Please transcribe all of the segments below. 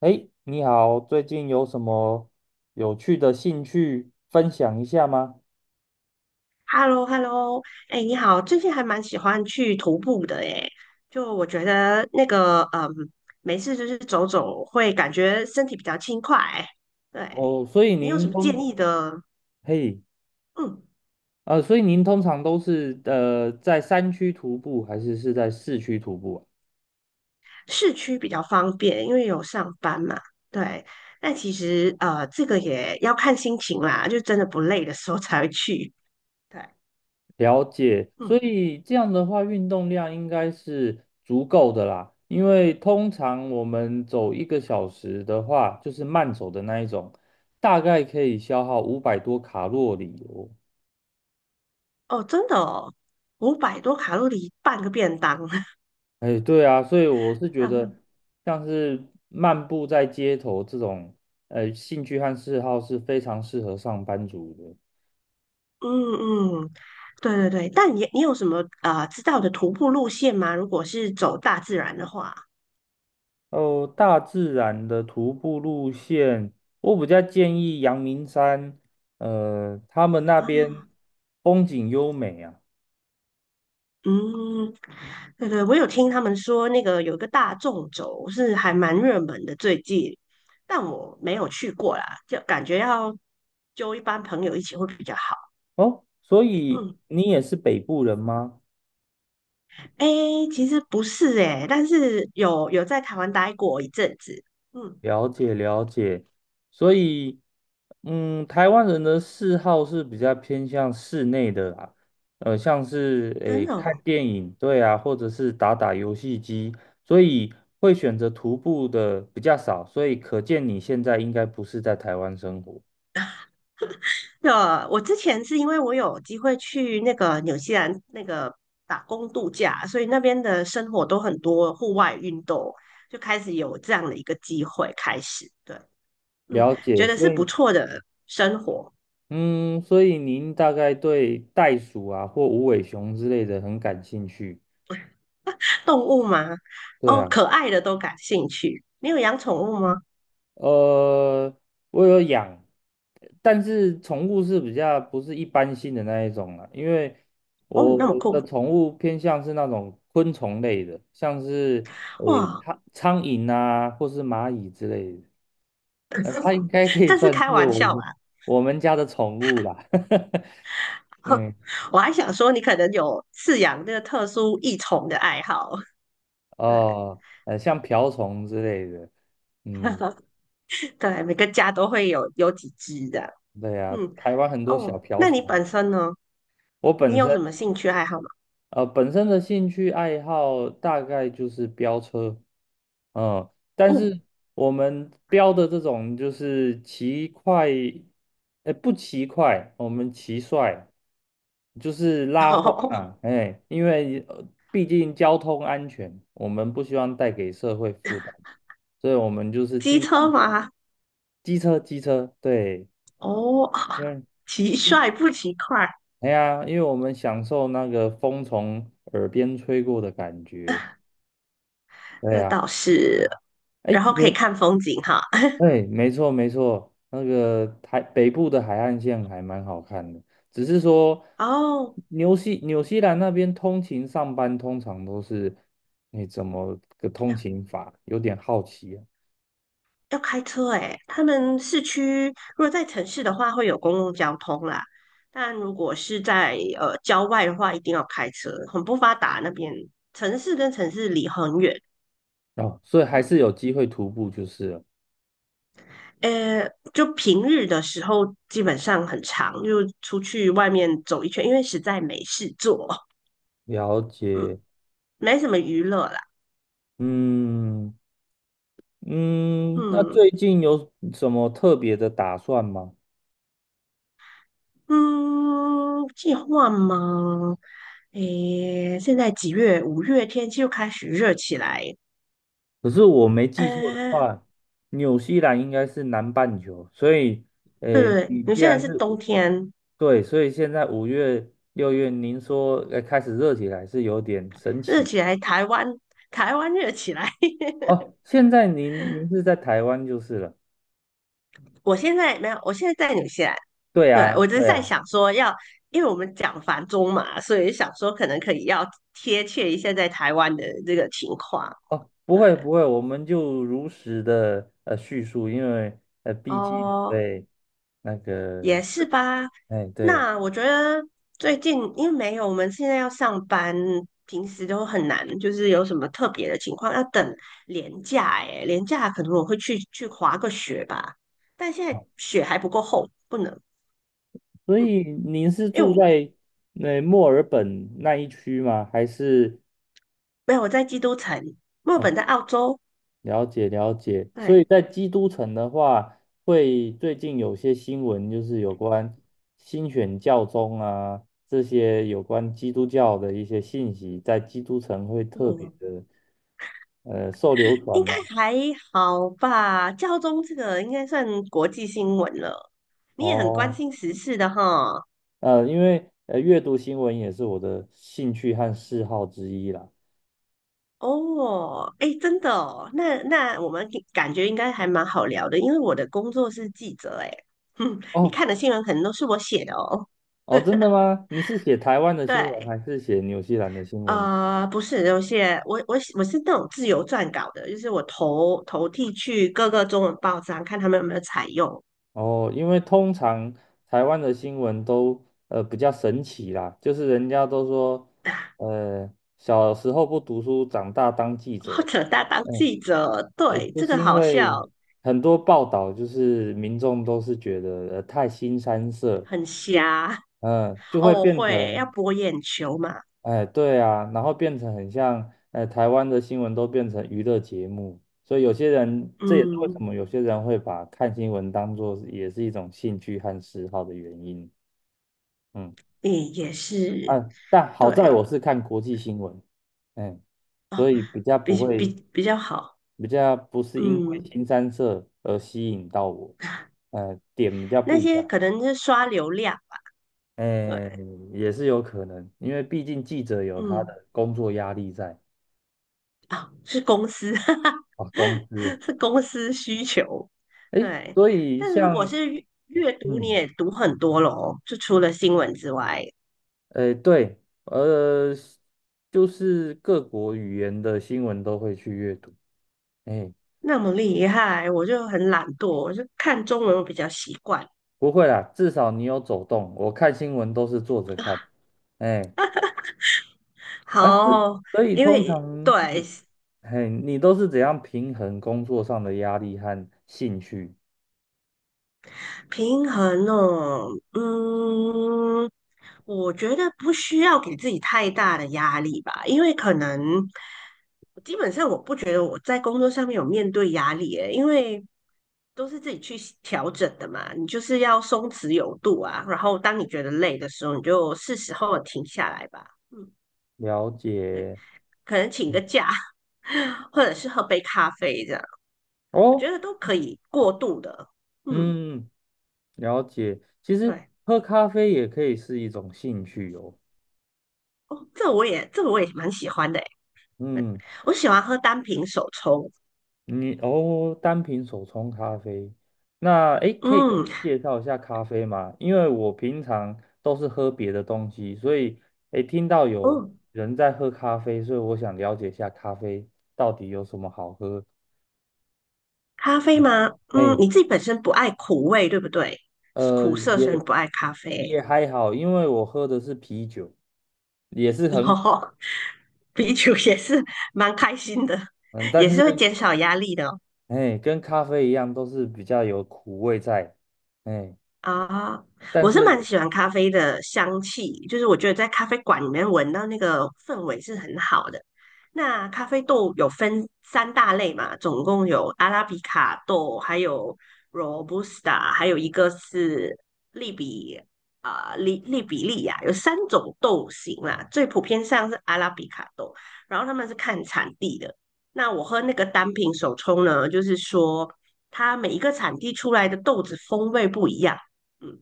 哎，你好，最近有什么有趣的兴趣分享一下吗？h e l l o h e l l o 哎，你好，最近还蛮喜欢去徒步的哎，就我觉得那个，没事就是走走，会感觉身体比较轻快。对，哦，所以你有什您么建通，议的？嘿，嗯，所以您通常都是在山区徒步，还是是在市区徒步啊？市区比较方便，因为有上班嘛。对，但其实这个也要看心情啦，就真的不累的时候才会去。对，了解，所嗯，以这样的话，运动量应该是足够的啦。因为通常我们走一个小时的话，就是慢走的那一种，大概可以消耗五百多卡路里哦。哦，真的哦，500多卡路里半个便当，哎，对啊，所以我是觉得，像是漫步在街头这种，兴趣和嗜好是非常适合上班族的。嗯嗯，对对对，但你有什么知道的徒步路线吗？如果是走大自然的话哦，大自然的徒步路线，我比较建议阳明山，他们那边啊，风景优美啊。嗯，对对，我有听他们说那个有一个大纵走是还蛮热门的最近，但我没有去过啦，就感觉要揪一班朋友一起会比较好。哦，所以嗯，你也是北部人吗？诶，其实不是诶，但是有在台湾待过一阵子，嗯，了解了解，所以，嗯，台湾人的嗜好是比较偏向室内的啦，像是真诶的看哦。电影，对啊，或者是打打游戏机，所以会选择徒步的比较少，所以可见你现在应该不是在台湾生活。的，我之前是因为我有机会去那个纽西兰那个打工度假，所以那边的生活都很多户外运动，就开始有这样的一个机会开始。对，嗯，了解，觉得是所不以，错的生活。嗯，所以您大概对袋鼠啊或无尾熊之类的很感兴趣，动物吗？对哦，啊。可爱的都感兴趣。你有养宠物吗？呃，我有养，但是宠物是比较不是一般性的那一种啦，因为哦，你我那么酷的宠物偏向是那种昆虫类的，像是诶哇！苍蝇啊，或是蚂蚁之类的，它应该可以这是算开是玩我笑们啦，家的宠物啦，哼，嗯，我还想说你可能有饲养这个特殊异宠的爱好。对哦，像瓢虫之类的，嗯，对，每个家都会有几只的。对啊，嗯，台湾很多小哦，瓢那你虫。本身呢？我你本有身什么兴趣爱好吗？本身的兴趣爱好大概就是飙车，嗯，但哦，是我们飙的这种就是骑快。哎，不骑快，我们骑帅，就是 拉风哦，啊。哎，因为毕竟交通安全，我们不希望带给社会负担，所以我们就是机尽车量吗？机车，对，哦，嗯，骑为机帅不骑快，哎呀，因为我们享受那个风从耳边吹过的感觉，对这呀。倒是。然哎，后可以有。看风景哈。哎，没错没错，那个海北部的海岸线还蛮好看的，只是说 哦，纽西兰那边通勤上班通常都是，你怎么个通要勤法？有点好奇啊。要开车诶，他们市区如果在城市的话，会有公共交通啦。但如果是在郊外的话，一定要开车，很不发达那边，城市跟城市离很远。哦，所以还嗯是有机会徒步就是了。就平日的时候基本上很长，就出去外面走一圈，因为实在没事做，了解，嗯，没什么娱乐啦，嗯嗯，那嗯最近有什么特别的打算吗？嗯，计划吗？诶，现在几月？5月天气又开始热起来，可是我没记错的呃，话，纽西兰应该是南半球，所以，对，你你既现在然是是冬天，对，所以现在五月、六月，您说开始热起来是有点神热奇。起来，台湾热起来，哦。现在您是在台湾就是了。我现在没有，我现在在纽西兰。对对，啊，我就是对在啊。想说要，因为我们讲繁中嘛，所以想说可能可以要贴切一下在台湾的这个情况。哦，不对，会不会，我们就如实的叙述，因为毕竟哦，对那也个是吧。哎对。那我觉得最近因为没有，我们现在要上班，平时都很难，就是有什么特别的情况要等年假。诶，年假可能我会去滑个雪吧，但现在哦，雪还不够厚，不能。所嗯，以您是因为住我在那墨尔本那一区吗？还是？没有我在基督城，墨尔哦，本在澳洲。了解了解，所对。以在基督城的话，会最近有些新闻就是有关新选教宗啊，这些有关基督教的一些信息，在基督城会特别嗯，的受流传应该嘛。还好吧？教宗这个应该算国际新闻了，你也很关哦，心时事的哈。因为阅读新闻也是我的兴趣和嗜好之一啦。哦，哎，真的哦，那我们感觉应该还蛮好聊的，因为我的工作是记者，哎，哼，你哦，看的新闻可能都是我写的哦。哦，真的吗？你是写台湾的新闻对，还是写纽西兰的新闻？不是，有些我是那种自由撰稿的，就是我投递去各个中文报章，看他们有没有采用，哦，因为通常台湾的新闻都比较神奇啦，就是人家都说，呃，小时候不读书，长大当记或者，者他当嗯，记者。诶，对，就这个是因好为笑，很多报道就是民众都是觉得太腥膻色，很瞎。嗯，就会哦，变会要成，博眼球嘛，哎，对啊，然后变成很像，台湾的新闻都变成娱乐节目，所以有些人这也是为什嗯，么有些人会把看新闻当做也是一种兴趣和嗜好的原因。嗯也是啊，但好在对我是看国际新闻，嗯，所哦，以比较不会，比较好，比较不是因为嗯，新三色而吸引到我，点比较那不一些样，可能是刷流量，哎，对，也是有可能，因为毕竟记者有他嗯，的工作压力在啊，是公司，哈哈啊，工资，是公司需求，哎，对，所以但是如果像，是阅读，你嗯，也读很多咯，就除了新闻之外，哎，对，呃，就是各国语言的新闻都会去阅读，哎，那么厉害，我就很懒惰，我就看中文我比较习惯。不会啦，至少你有走动。我看新闻都是坐着看，哎，啊是 好，所以因通为常，对嘿，你都是怎样平衡工作上的压力和兴趣？平衡哦，嗯，我觉得不需要给自己太大的压力吧，因为可能基本上我不觉得我在工作上面有面对压力诶，因为都是自己去调整的嘛。你就是要松弛有度啊，然后当你觉得累的时候，你就是时候停下来吧。嗯，了对，解可能请个假，或者是喝杯咖啡这样，我觉哦，得都可以过度的。嗯，嗯，了解。其实对，喝咖啡也可以是一种兴趣哦，哦，这我也蛮喜欢的。对嗯。我喜欢喝单品手冲。你哦，单品手冲咖啡，那诶，可以跟我嗯，介绍一下咖啡吗？因为我平常都是喝别的东西，所以诶，听到有哦，人在喝咖啡，所以我想了解一下咖啡到底有什么好喝。咖啡吗？嗯，嘿，你自己本身不爱苦味，对不对？苦涩，所以也你不爱咖也啡。还好，因为我喝的是啤酒，也是 然很啤酒也是蛮开心的，嗯，也但是会是减少压力的哦哎，跟咖啡一样，都是比较有苦味在，哎，啊，但我是是蛮喜欢咖啡的香气，就是我觉得在咖啡馆里面闻到那个氛围是很好的。那咖啡豆有分三大类嘛，总共有阿拉比卡豆，还有 Robusta,还有一个是利比利比利亚，有三种豆型啦。最普遍上是阿拉比卡豆，然后他们是看产地的。那我喝那个单品手冲呢，就是说它每一个产地出来的豆子风味不一样。嗯，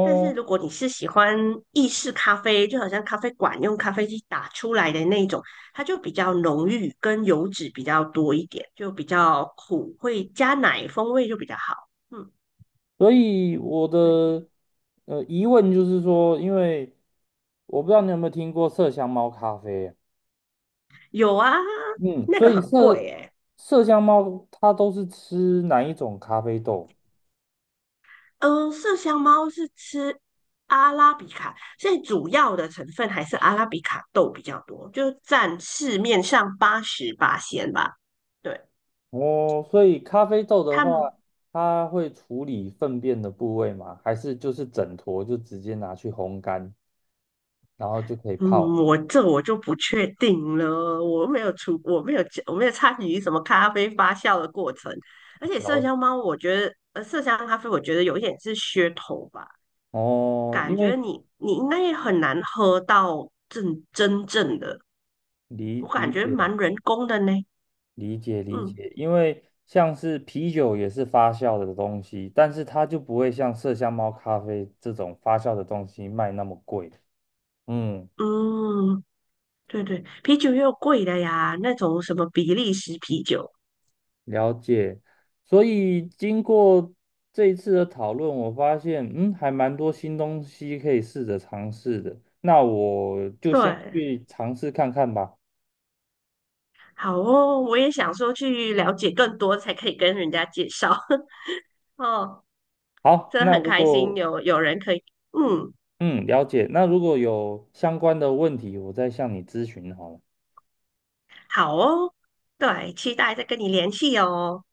但是如果你是喜欢意式咖啡，就好像咖啡馆用咖啡机打出来的那一种，它就比较浓郁，跟油脂比较多一点，就比较苦，会加奶，风味就比较好。嗯，所以我对，的疑问就是说，因为我不知道你有没有听过麝香猫咖啡啊，有啊，嗯，那所个以很贵诶。麝香猫它都是吃哪一种咖啡豆？嗯，麝香猫是吃阿拉比卡，所以主要的成分还是阿拉比卡豆比较多，就占市面上88仙吧。对，哦，所以咖啡豆的他话，们它会处理粪便的部位吗？还是就是整坨就直接拿去烘干，然后就可以嗯，泡？我就不确定了，我没有出，我没有加，我没有参与什么咖啡发酵的过程，而且然麝后香猫，我觉得，麝香咖啡，我觉得有一点是噱头吧，哦，因感觉为你应该也很难喝到真正的，我感理觉解。蛮人工的呢，理解理嗯解，因为像是啤酒也是发酵的东西，但是它就不会像麝香猫咖啡这种发酵的东西卖那么贵。嗯，嗯，对对，啤酒又贵的呀，那种什么比利时啤酒，了解。所以经过这一次的讨论，我发现嗯，还蛮多新东西可以试着尝试的。那我就先对，去尝试看看吧。好哦，我也想说去了解更多，才可以跟人家介绍，哦。好，真的那很如开心果有人可以，嗯，嗯了解，那如果有相关的问题，我再向你咨询好了。好哦，对，期待再跟你联系哦。